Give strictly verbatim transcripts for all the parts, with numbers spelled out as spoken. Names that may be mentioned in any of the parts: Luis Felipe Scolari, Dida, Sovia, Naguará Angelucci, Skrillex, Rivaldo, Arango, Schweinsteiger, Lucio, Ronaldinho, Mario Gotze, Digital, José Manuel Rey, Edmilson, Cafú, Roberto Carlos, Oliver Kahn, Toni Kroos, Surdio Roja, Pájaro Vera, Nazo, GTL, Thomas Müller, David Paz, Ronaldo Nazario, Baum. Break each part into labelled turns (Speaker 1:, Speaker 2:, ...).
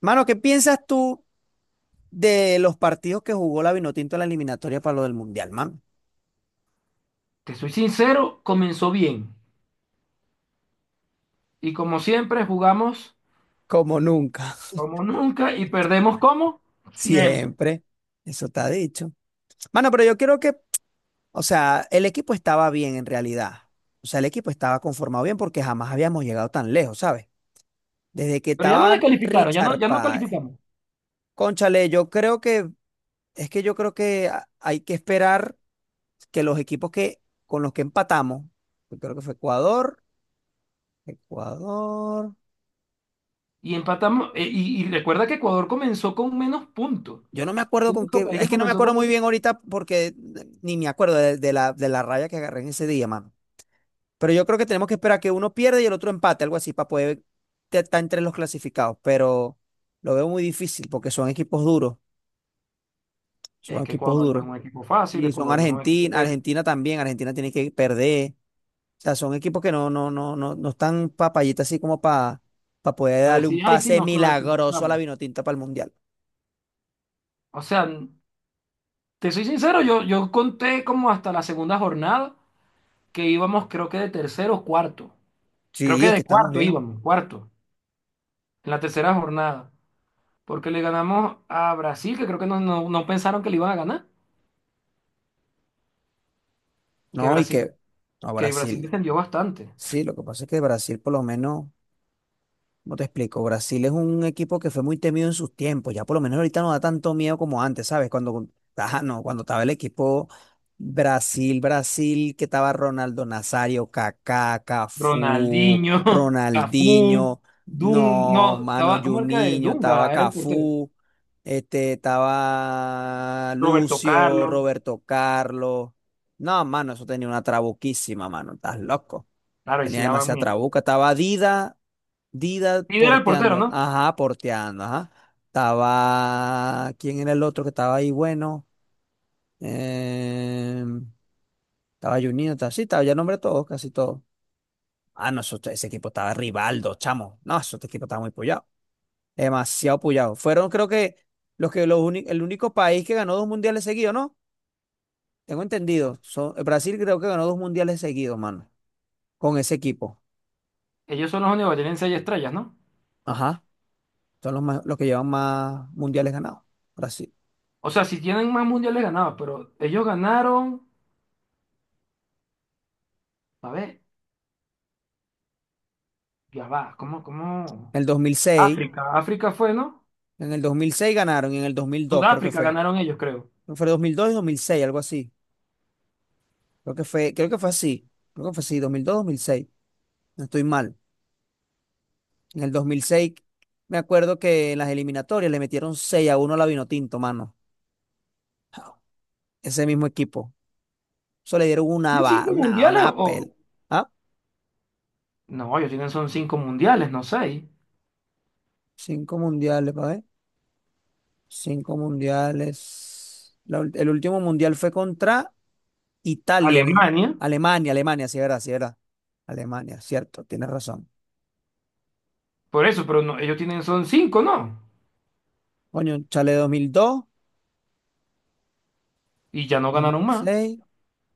Speaker 1: Mano, ¿qué piensas tú de los partidos que jugó la Vinotinto en la eliminatoria para lo del Mundial, man?
Speaker 2: Te soy sincero, comenzó bien. Y como siempre, jugamos
Speaker 1: Como nunca,
Speaker 2: como nunca y perdemos como siempre.
Speaker 1: siempre. Eso está dicho. Mano, pero yo creo que, o sea, el equipo estaba bien en realidad. O sea, el equipo estaba conformado bien porque jamás habíamos llegado tan lejos, ¿sabes? Desde que
Speaker 2: Pero ya no
Speaker 1: estaba
Speaker 2: descalificaron, ya no,
Speaker 1: Richard
Speaker 2: ya no
Speaker 1: Páez.
Speaker 2: calificamos.
Speaker 1: Cónchale, yo creo que, es que yo creo que a- hay que esperar que los equipos que, con los que empatamos, yo creo que fue Ecuador, Ecuador.
Speaker 2: Y empatamos. eh, y, y recuerda que Ecuador comenzó con menos puntos.
Speaker 1: Yo no me acuerdo
Speaker 2: El
Speaker 1: con
Speaker 2: único
Speaker 1: qué,
Speaker 2: país
Speaker 1: es
Speaker 2: que
Speaker 1: que no me
Speaker 2: comenzó con
Speaker 1: acuerdo muy
Speaker 2: menos.
Speaker 1: bien ahorita porque ni me acuerdo de, de la, de la raya que agarré en ese día, mano. Pero yo creo que tenemos que esperar que uno pierda y el otro empate, algo así, para poder te- estar entre los clasificados. Pero lo veo muy difícil porque son equipos duros, son
Speaker 2: Es que
Speaker 1: equipos
Speaker 2: Ecuador no
Speaker 1: duros.
Speaker 2: es un equipo fácil,
Speaker 1: Y son
Speaker 2: Ecuador es un equipo
Speaker 1: Argentina,
Speaker 2: que
Speaker 1: Argentina también, Argentina tiene que perder. O sea, son equipos que no, no, no, no, no están papayitas así como para poder
Speaker 2: a
Speaker 1: darle un
Speaker 2: decir, ay, sí,
Speaker 1: pase
Speaker 2: nos
Speaker 1: milagroso a la
Speaker 2: clasificamos.
Speaker 1: Vinotinta para el Mundial.
Speaker 2: O sea, te soy sincero, yo, yo conté como hasta la segunda jornada que íbamos, creo que de tercero o cuarto. Creo
Speaker 1: Sí,
Speaker 2: que
Speaker 1: es
Speaker 2: de
Speaker 1: que estamos
Speaker 2: cuarto
Speaker 1: bien.
Speaker 2: íbamos, cuarto, en la tercera jornada. Porque le ganamos a Brasil, que creo que no, no- no pensaron que le iban a ganar. Que
Speaker 1: No, y
Speaker 2: Brasil,
Speaker 1: que no,
Speaker 2: que Brasil
Speaker 1: Brasil.
Speaker 2: descendió bastante.
Speaker 1: Sí, lo que pasa es que Brasil, por lo menos, ¿cómo te explico? Brasil es un equipo que fue muy temido en sus tiempos. Ya por lo menos ahorita no da tanto miedo como antes, ¿sabes? Cuando, ah, no, cuando estaba el equipo Brasil, Brasil, que estaba Ronaldo Nazario, Kaká, Cafú,
Speaker 2: Ronaldinho, Cafú,
Speaker 1: Ronaldinho,
Speaker 2: Dun,
Speaker 1: no,
Speaker 2: no,
Speaker 1: mano,
Speaker 2: estaba, ¿cómo era que?
Speaker 1: Juninho, estaba
Speaker 2: Dunga era el portero.
Speaker 1: Cafú, este, estaba
Speaker 2: Roberto
Speaker 1: Lucio,
Speaker 2: Carlos,
Speaker 1: Roberto Carlos. No, mano, eso tenía una trabuquísima, mano, estás loco.
Speaker 2: claro, y si
Speaker 1: Tenía
Speaker 2: daban
Speaker 1: demasiada
Speaker 2: miedo.
Speaker 1: trabuca. Estaba Dida, Dida
Speaker 2: Líder era el portero,
Speaker 1: porteando.
Speaker 2: ¿no?
Speaker 1: Ajá, porteando, ajá. Estaba. ¿Quién era el otro que estaba ahí? Bueno. Em, estaba Juninho, estaba sí, estaba ya nombre todos, casi todos. Ah, no, eso- ese equipo estaba Rivaldo, chamo. No, ese equipo estaba muy pullado. Demasiado pullado. Fueron, creo que, los que los uni- el único país que ganó dos mundiales seguidos, ¿no? Tengo entendido. Son- Brasil creo que ganó dos mundiales seguidos, mano. Con ese equipo.
Speaker 2: Ellos son los únicos que tienen seis estrellas, ¿no?
Speaker 1: Ajá. Son los, más- los que llevan más mundiales ganados. Brasil.
Speaker 2: O sea, si tienen más mundiales ganados, pero ellos ganaron, a ver, ya va, ¿cómo, cómo?
Speaker 1: En el dos mil seis
Speaker 2: África, África fue, ¿no?
Speaker 1: en el dos mil seis ganaron y en el dos mil dos creo que
Speaker 2: Sudáfrica
Speaker 1: fue.
Speaker 2: ganaron ellos, creo.
Speaker 1: Creo que fue dos mil dos y dos mil seis algo así. Creo que fue, creo que fue así. Creo que fue así, dos mil dos dos mil mil seis. No estoy mal. En el dos mil seis me acuerdo que en las eliminatorias le metieron seis a uno a la Vinotinto, mano. Ese mismo equipo. Eso le dieron una,
Speaker 2: ¿Tienen
Speaker 1: va-
Speaker 2: cinco
Speaker 1: una,
Speaker 2: mundiales
Speaker 1: una pel.
Speaker 2: o?
Speaker 1: ¿Ah?
Speaker 2: No, ellos tienen son cinco mundiales, no seis.
Speaker 1: Cinco mundiales, pa' ver. Cinco mundiales. La ul- el último mundial fue contra Italia, eh,
Speaker 2: Alemania,
Speaker 1: Alemania, Alemania, sí, verdad, sí, verdad. Alemania, cierto, tienes razón.
Speaker 2: por eso, pero no, ellos tienen son cinco, ¿no?
Speaker 1: Coño, chale dos mil dos,
Speaker 2: Y ya no ganaron más.
Speaker 1: dos mil seis,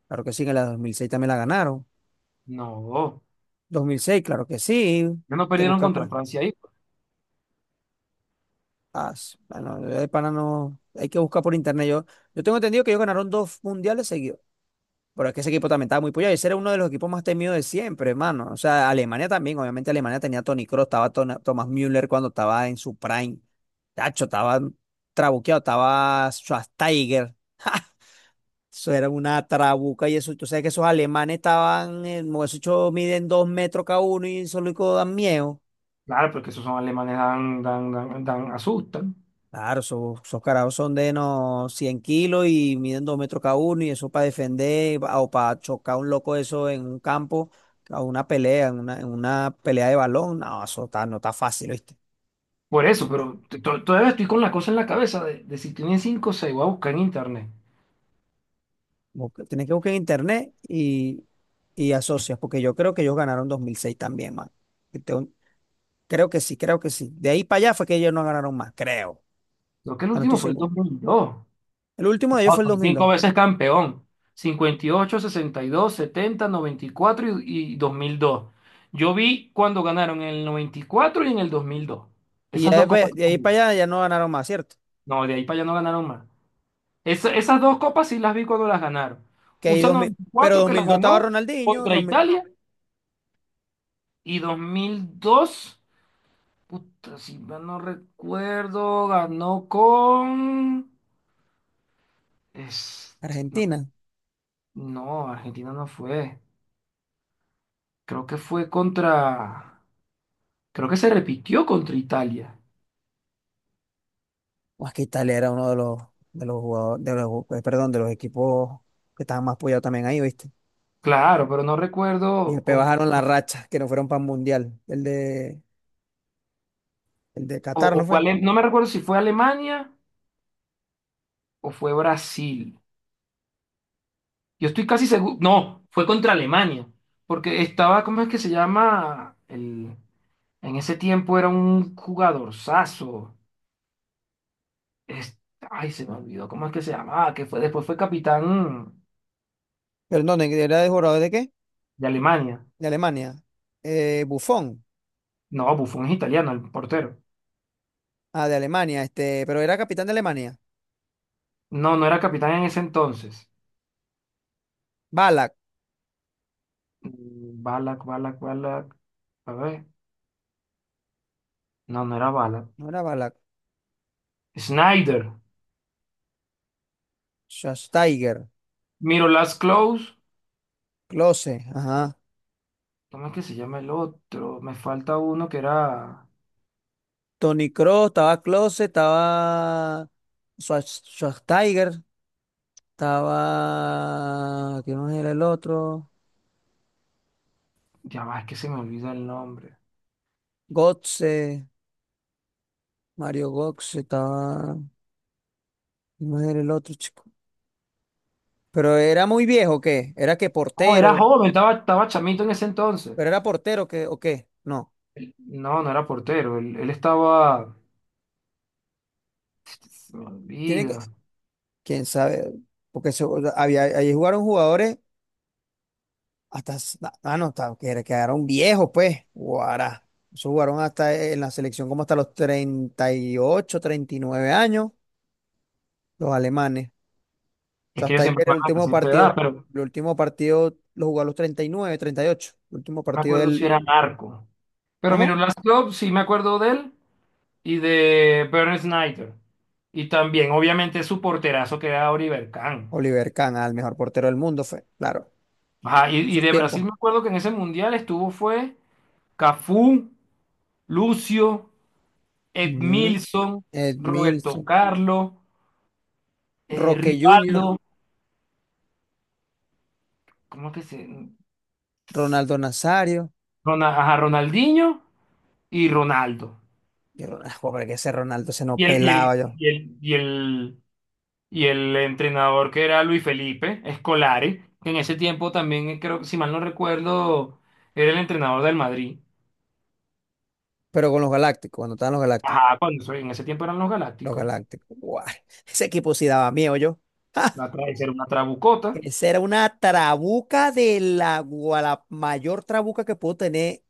Speaker 1: claro que sí, en la dos mil seis también la ganaron.
Speaker 2: No,
Speaker 1: dos mil seis, claro que sí,
Speaker 2: ya no
Speaker 1: de
Speaker 2: perdieron
Speaker 1: buscar
Speaker 2: contra
Speaker 1: por.
Speaker 2: Francia ahí.
Speaker 1: Ah, s- bueno, de pana no, hay que buscar por internet. Yo, yo tengo entendido que ellos ganaron dos mundiales seguidos. Pero es que ese equipo también estaba muy puyado. Ese era uno de los equipos más temidos de siempre, hermano. O sea, Alemania también. Obviamente Alemania tenía a Toni Kroos, estaba Tona- Thomas Müller cuando estaba en su prime. Tacho, estaba trabuqueado, estaba Schweinsteiger. Eso era una trabuca y eso. Tú sabes que esos alemanes estaban, eh, esos chos miden dos metros cada uno y solo y dan miedo.
Speaker 2: Claro, porque esos son alemanes, dan, dan, dan, dan- asustan.
Speaker 1: Claro, esos, esos carajos son de no cien kilos y miden dos metros cada uno y eso para defender pa- o para chocar un loco eso en un campo, a una pelea, en una, en una pelea de balón, no, eso está, no está fácil, ¿viste?
Speaker 2: Por eso, pero t- to- todavía estoy con la cosa en la cabeza de, de si tienen cinco o seis, voy a buscar en internet.
Speaker 1: Tienes que buscar en internet y, y asocias, porque yo creo que ellos ganaron dos mil seis también, man. Que tengo- creo que sí, creo que sí. De ahí para allá fue que ellos no ganaron más, creo.
Speaker 2: Creo que el
Speaker 1: No, no estoy
Speaker 2: último fue el dos
Speaker 1: seguro.
Speaker 2: mil dos.
Speaker 1: El último
Speaker 2: No,
Speaker 1: de ellos fue el
Speaker 2: son cinco
Speaker 1: dos mil dos.
Speaker 2: veces campeón. Cincuenta y ocho, sesenta y, dos, setenta, noventa y cuatro y y dos mil dos. Yo vi cuando ganaron en el noventa y cuatro y en el dos mil dos.
Speaker 1: Y
Speaker 2: Esas
Speaker 1: ya
Speaker 2: dos copas.
Speaker 1: de, de ahí para allá ya no ganaron más, ¿cierto?
Speaker 2: No, de ahí para allá no ganaron más. Esa- esas dos copas sí las vi cuando las ganaron.
Speaker 1: Que
Speaker 2: U
Speaker 1: ahí
Speaker 2: S A
Speaker 1: dos mil,
Speaker 2: noventa y
Speaker 1: pero
Speaker 2: cuatro que las
Speaker 1: dos mil dos estaba
Speaker 2: ganó
Speaker 1: Ronaldinho,
Speaker 2: contra Italia y dos mil dos. Puta, si mal no recuerdo, ganó con. es- No,
Speaker 1: Argentina.
Speaker 2: no, Argentina no fue. Creo que fue contra, creo que se repitió contra Italia.
Speaker 1: O es que Italia era uno de los, de los jugadores, de los, eh, perdón, de los equipos que estaban más apoyados también ahí, ¿viste?
Speaker 2: Claro, pero no
Speaker 1: Y
Speaker 2: recuerdo
Speaker 1: después
Speaker 2: con.
Speaker 1: bajaron la racha, que no fueron para el Mundial. El de, el de
Speaker 2: o,
Speaker 1: Qatar,
Speaker 2: o
Speaker 1: ¿no
Speaker 2: fue
Speaker 1: fue?
Speaker 2: Ale- no me recuerdo si fue Alemania o fue Brasil. Yo estoy casi seguro, no, fue contra Alemania, porque estaba, ¿cómo es que se llama? El, en ese tiempo era un jugadorzazo. Es- Ay, se me olvidó, ¿cómo es que se llamaba? Que fue, después fue capitán
Speaker 1: Pero no, ¿de- ¿era de jugador de qué?
Speaker 2: de Alemania.
Speaker 1: De Alemania. Eh, Buffon.
Speaker 2: No, Buffon es italiano, el portero.
Speaker 1: Ah, de Alemania, este, pero era capitán de Alemania.
Speaker 2: No, no era capitán en ese entonces.
Speaker 1: Balak,
Speaker 2: Mm, Balak, Balak, Balak. A ver. No, no era Balak.
Speaker 1: no era Balak.
Speaker 2: Snyder.
Speaker 1: Schweinsteiger,
Speaker 2: Miro Last Close.
Speaker 1: Klose, ajá.
Speaker 2: ¿Cómo es que se llama el otro? Me falta uno que era.
Speaker 1: Toni Kroos, estaba Klose, estaba Schwarz- Schwarzenegger. Estaba, ¿quién más era el otro?
Speaker 2: Ya va, es que se me olvida el nombre.
Speaker 1: Gotze, Mario Gotze, estaba, ¿quién más era el otro chico? Pero era muy viejo, ¿o ¿qué? Era que
Speaker 2: No, era
Speaker 1: portero,
Speaker 2: joven, estaba, estaba chamito en ese entonces.
Speaker 1: pero era portero, ¿qué? ¿O qué? No,
Speaker 2: El- No, no era portero. Él, él estaba. Se me
Speaker 1: tiene que,
Speaker 2: olvida.
Speaker 1: quién sabe, porque se- había, ahí jugaron jugadores hasta, s- ah, no, estaba- que era- quedaron viejos, pues, guará. Eso jugaron hasta eh, en la selección como hasta los treinta treinta y ocho treinta y nueve años, los alemanes.
Speaker 2: Es
Speaker 1: Yo
Speaker 2: que yo
Speaker 1: hasta
Speaker 2: siempre
Speaker 1: ayer
Speaker 2: me
Speaker 1: el
Speaker 2: van a
Speaker 1: último
Speaker 2: decir tu edad,
Speaker 1: partido,
Speaker 2: pero
Speaker 1: el último partido lo jugó a los treinta y nueve, treinta y ocho. El último
Speaker 2: no me
Speaker 1: partido
Speaker 2: acuerdo si
Speaker 1: del,
Speaker 2: era narco. Pero Miro
Speaker 1: ¿cómo?
Speaker 2: Last Close, sí me acuerdo de él. Y de Bernd Snyder. Y también, obviamente, su porterazo que era Oliver Kahn.
Speaker 1: Oliver Kahn, al mejor portero del mundo fue, claro,
Speaker 2: Ajá, y,
Speaker 1: en
Speaker 2: y
Speaker 1: esos
Speaker 2: de Brasil
Speaker 1: tiempos.
Speaker 2: me acuerdo que en ese mundial estuvo fue Cafú, Lucio,
Speaker 1: Ujú.
Speaker 2: Edmilson,
Speaker 1: Ed
Speaker 2: Roberto
Speaker 1: Milson,
Speaker 2: Carlos, eh,
Speaker 1: Roque Junior,
Speaker 2: Rivaldo, ¿cómo es que se?
Speaker 1: Ronaldo Nazario.
Speaker 2: Rona- ajá, Ronaldinho y Ronaldo.
Speaker 1: Yo, Ron- ah, joder, que ese Ronaldo se nos
Speaker 2: Y el, y el,
Speaker 1: pelaba yo.
Speaker 2: y el, y el, y el entrenador que era Luis Felipe Scolari, que en ese tiempo también, eh, creo, si mal no recuerdo, era el entrenador del Madrid.
Speaker 1: Pero con los Galácticos, cuando estaban los Galácticos,
Speaker 2: Ajá, cuando eso- en ese tiempo eran los
Speaker 1: los
Speaker 2: Galácticos.
Speaker 1: Galácticos, guau, ese equipo sí daba miedo yo. ¡Ja!
Speaker 2: La tra- esa era una trabucota.
Speaker 1: Esa era una trabuca de la, gua- la mayor trabuca que puedo tener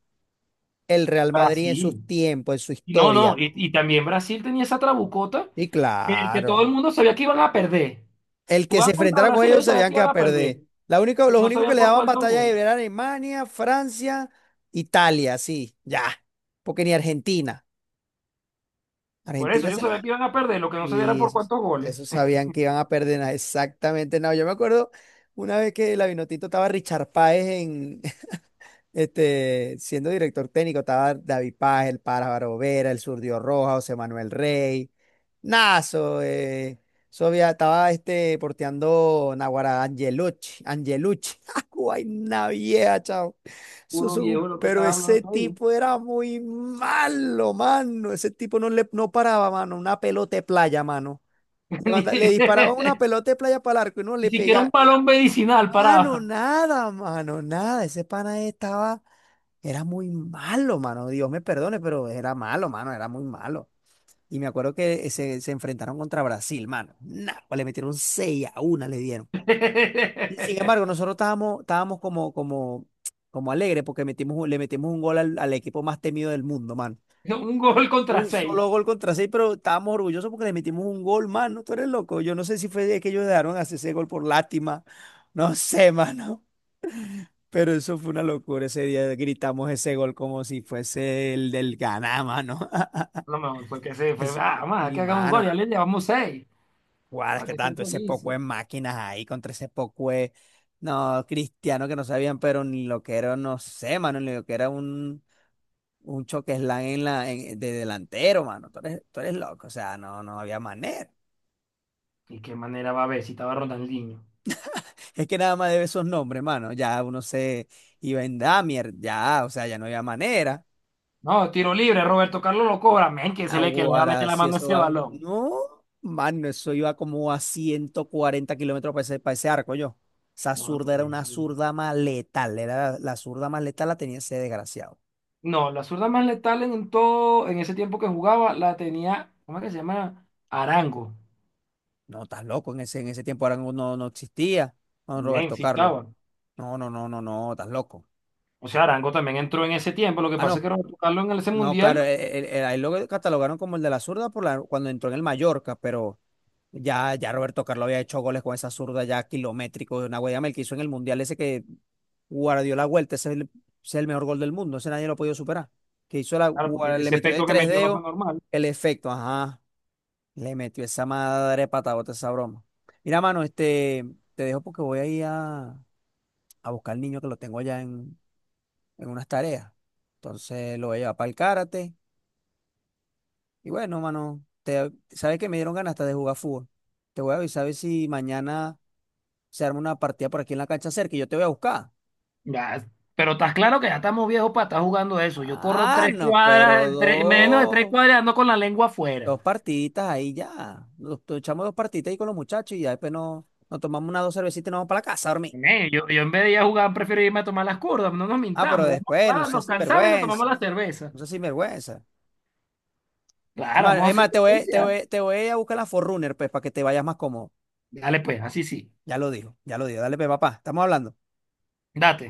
Speaker 1: el Real Madrid en sus
Speaker 2: Brasil.
Speaker 1: tiempos, en su
Speaker 2: Y no, no,
Speaker 1: historia.
Speaker 2: y, y también Brasil tenía esa trabucota
Speaker 1: Y
Speaker 2: que, que todo el
Speaker 1: claro,
Speaker 2: mundo sabía que iban a perder.
Speaker 1: el que se
Speaker 2: Jugaban contra
Speaker 1: enfrentara con
Speaker 2: Brasil,
Speaker 1: ellos
Speaker 2: ellos sabían
Speaker 1: sabían
Speaker 2: que
Speaker 1: que iba
Speaker 2: iban
Speaker 1: a
Speaker 2: a
Speaker 1: perder.
Speaker 2: perder,
Speaker 1: La única,
Speaker 2: pero
Speaker 1: los
Speaker 2: no
Speaker 1: únicos que
Speaker 2: sabían
Speaker 1: le
Speaker 2: por
Speaker 1: daban
Speaker 2: cuántos
Speaker 1: batalla
Speaker 2: goles.
Speaker 1: eran Alemania, Francia, Italia, sí, ya. Porque ni Argentina.
Speaker 2: Por eso,
Speaker 1: Argentina
Speaker 2: yo
Speaker 1: se lo.
Speaker 2: sabía que iban a perder, lo que no sabía era
Speaker 1: Y
Speaker 2: por
Speaker 1: esos,
Speaker 2: cuántos goles.
Speaker 1: esos sabían que iban a perder. na- Exactamente, no. Yo me acuerdo una vez que la Vinotinto estaba Richard Páez en, este, siendo director técnico, estaba David Paz, el Pájaro Vera, el Surdio Roja, José Manuel Rey, Nazo, eh, Sovia, estaba este, porteando Naguará Angelucci, Angelucci, ¡Ay, una vieja, chao! Eso es
Speaker 2: Puro
Speaker 1: un-
Speaker 2: viejo lo que
Speaker 1: pero
Speaker 2: estaba hablando
Speaker 1: ese
Speaker 2: tú ahí.
Speaker 1: tipo era muy malo, mano. Ese tipo no, le, no paraba, mano, una pelota de playa, mano. Le, manda- le disparaba una pelota de playa para el arco y no
Speaker 2: Ni,
Speaker 1: le
Speaker 2: ni siquiera
Speaker 1: pegaba.
Speaker 2: un balón medicinal
Speaker 1: Mano,
Speaker 2: paraba.
Speaker 1: nada, mano, nada. Ese pana estaba. Era muy malo, mano. Dios me perdone, pero era malo, mano. Era muy malo. Y me acuerdo que se, se enfrentaron contra Brasil, mano. Nah, pues le metieron seis a una, le dieron. Y sin embargo, nosotros estábamos, estábamos como, como, como alegres porque metimos, un- le metimos un gol al, al equipo más temido del mundo, mano.
Speaker 2: Un gol contra
Speaker 1: Un
Speaker 2: seis.
Speaker 1: solo gol contra seis, pero estábamos orgullosos porque le metimos un gol, mano. Tú eres loco. Yo no sé si fue de que ellos dejaron hacer ese gol por lástima. No sé, mano. Pero eso fue una locura. Ese día gritamos ese gol como si fuese el del Ganá, mano.
Speaker 2: Lo mejor fue que se fue,
Speaker 1: Es-
Speaker 2: ah, vamos
Speaker 1: y,
Speaker 2: que haga un gol,
Speaker 1: mano,
Speaker 2: ya le llevamos seis.
Speaker 1: guau, es
Speaker 2: Para
Speaker 1: que
Speaker 2: que sean
Speaker 1: tanto ese poco
Speaker 2: felices.
Speaker 1: de máquinas ahí contra ese poco de, no, cristianos que no sabían, pero ni lo que era, no sé, mano, ni lo que era un, un choque slam en la, en- de delantero, mano. Tú eres, tú eres loco, o sea, no, no había manera.
Speaker 2: ¿Y qué manera va a haber si estaba Ronaldinho?
Speaker 1: Es que nada más debe esos nombres, mano. Ya uno se iba en Damier, ya, o sea, ya no había manera.
Speaker 2: No, tiro libre, Roberto Carlos lo cobra. Men, que se le que le va a meter
Speaker 1: Ahora,
Speaker 2: la
Speaker 1: si
Speaker 2: mano a
Speaker 1: eso
Speaker 2: ese
Speaker 1: va.
Speaker 2: balón.
Speaker 1: No, mano, eso iba como a ciento cuarenta kilómetros para ese, para ese arco yo. Esa
Speaker 2: No,
Speaker 1: zurda
Speaker 2: por
Speaker 1: era una
Speaker 2: eso.
Speaker 1: zurda más letal. Era la, la zurda más letal la tenía ese desgraciado.
Speaker 2: No, la zurda más letal en, todo, en ese tiempo que jugaba, la tenía, ¿cómo es que se llama? Arango.
Speaker 1: No, estás loco. En ese, en ese tiempo ahora no, no no existía don
Speaker 2: Men,
Speaker 1: Roberto
Speaker 2: sí
Speaker 1: Carlos.
Speaker 2: estaba.
Speaker 1: No, no, no, no, no, estás loco.
Speaker 2: O sea, Arango también entró en ese tiempo. Lo que
Speaker 1: Ah,
Speaker 2: pasa es
Speaker 1: no,
Speaker 2: que Roberto Carlos en ese
Speaker 1: no, claro,
Speaker 2: mundial,
Speaker 1: él, él- él- a él lo catalogaron como el de la zurda por la, cuando entró en el Mallorca, pero ya, ya Roberto Carlos había hecho goles con esa zurda ya kilométrico de una Yamel que hizo en el Mundial ese que guardió la vuelta, ese es el, ese es el mejor gol del mundo, ese nadie lo ha podido superar. Que hizo la,
Speaker 2: claro,
Speaker 1: gua-
Speaker 2: porque
Speaker 1: le
Speaker 2: ese
Speaker 1: metió de
Speaker 2: efecto que
Speaker 1: tres
Speaker 2: metió no fue
Speaker 1: dedos
Speaker 2: normal.
Speaker 1: el efecto, ajá, le metió esa madre patabota, esa broma. Mira, mano, este, te dejo porque voy a ir a, a buscar al niño que lo tengo allá en, en unas tareas. Entonces lo voy a llevar para el karate. Y bueno, mano, te, sabes que me dieron ganas hasta de jugar fútbol. Te voy a avisar a ver si mañana se arma una partida por aquí en la cancha cerca y yo te voy a buscar.
Speaker 2: Ya, pero estás claro que ya estamos viejos para estar jugando eso. Yo corro
Speaker 1: Ah,
Speaker 2: tres
Speaker 1: no, pero
Speaker 2: cuadras, tres- menos de tres
Speaker 1: dos,
Speaker 2: cuadras ando con la lengua afuera.
Speaker 1: dos partiditas ahí ya. Nos nos echamos dos partiditas ahí con los muchachos y ya después nos, nos tomamos unas dos cervecitas y nos vamos para la casa a dormir.
Speaker 2: Men, yo, yo en vez de ir a jugar, prefiero irme a tomar las curvas, no nos
Speaker 1: Ah, pero
Speaker 2: mintamos. Vamos a
Speaker 1: después, no
Speaker 2: jugar,
Speaker 1: seas
Speaker 2: nos cansamos y nos tomamos
Speaker 1: sinvergüenza,
Speaker 2: la cerveza.
Speaker 1: no seas sinvergüenza.
Speaker 2: Claro,
Speaker 1: Hermano,
Speaker 2: vamos a
Speaker 1: es
Speaker 2: hacer
Speaker 1: más, te voy, te
Speaker 2: justicia.
Speaker 1: voy, te voy a buscar la Forrunner, pues, para que te vayas más cómodo.
Speaker 2: Dale pues, así sí.
Speaker 1: Ya lo digo, ya lo digo. Dale, pues, papá, estamos hablando.
Speaker 2: Date.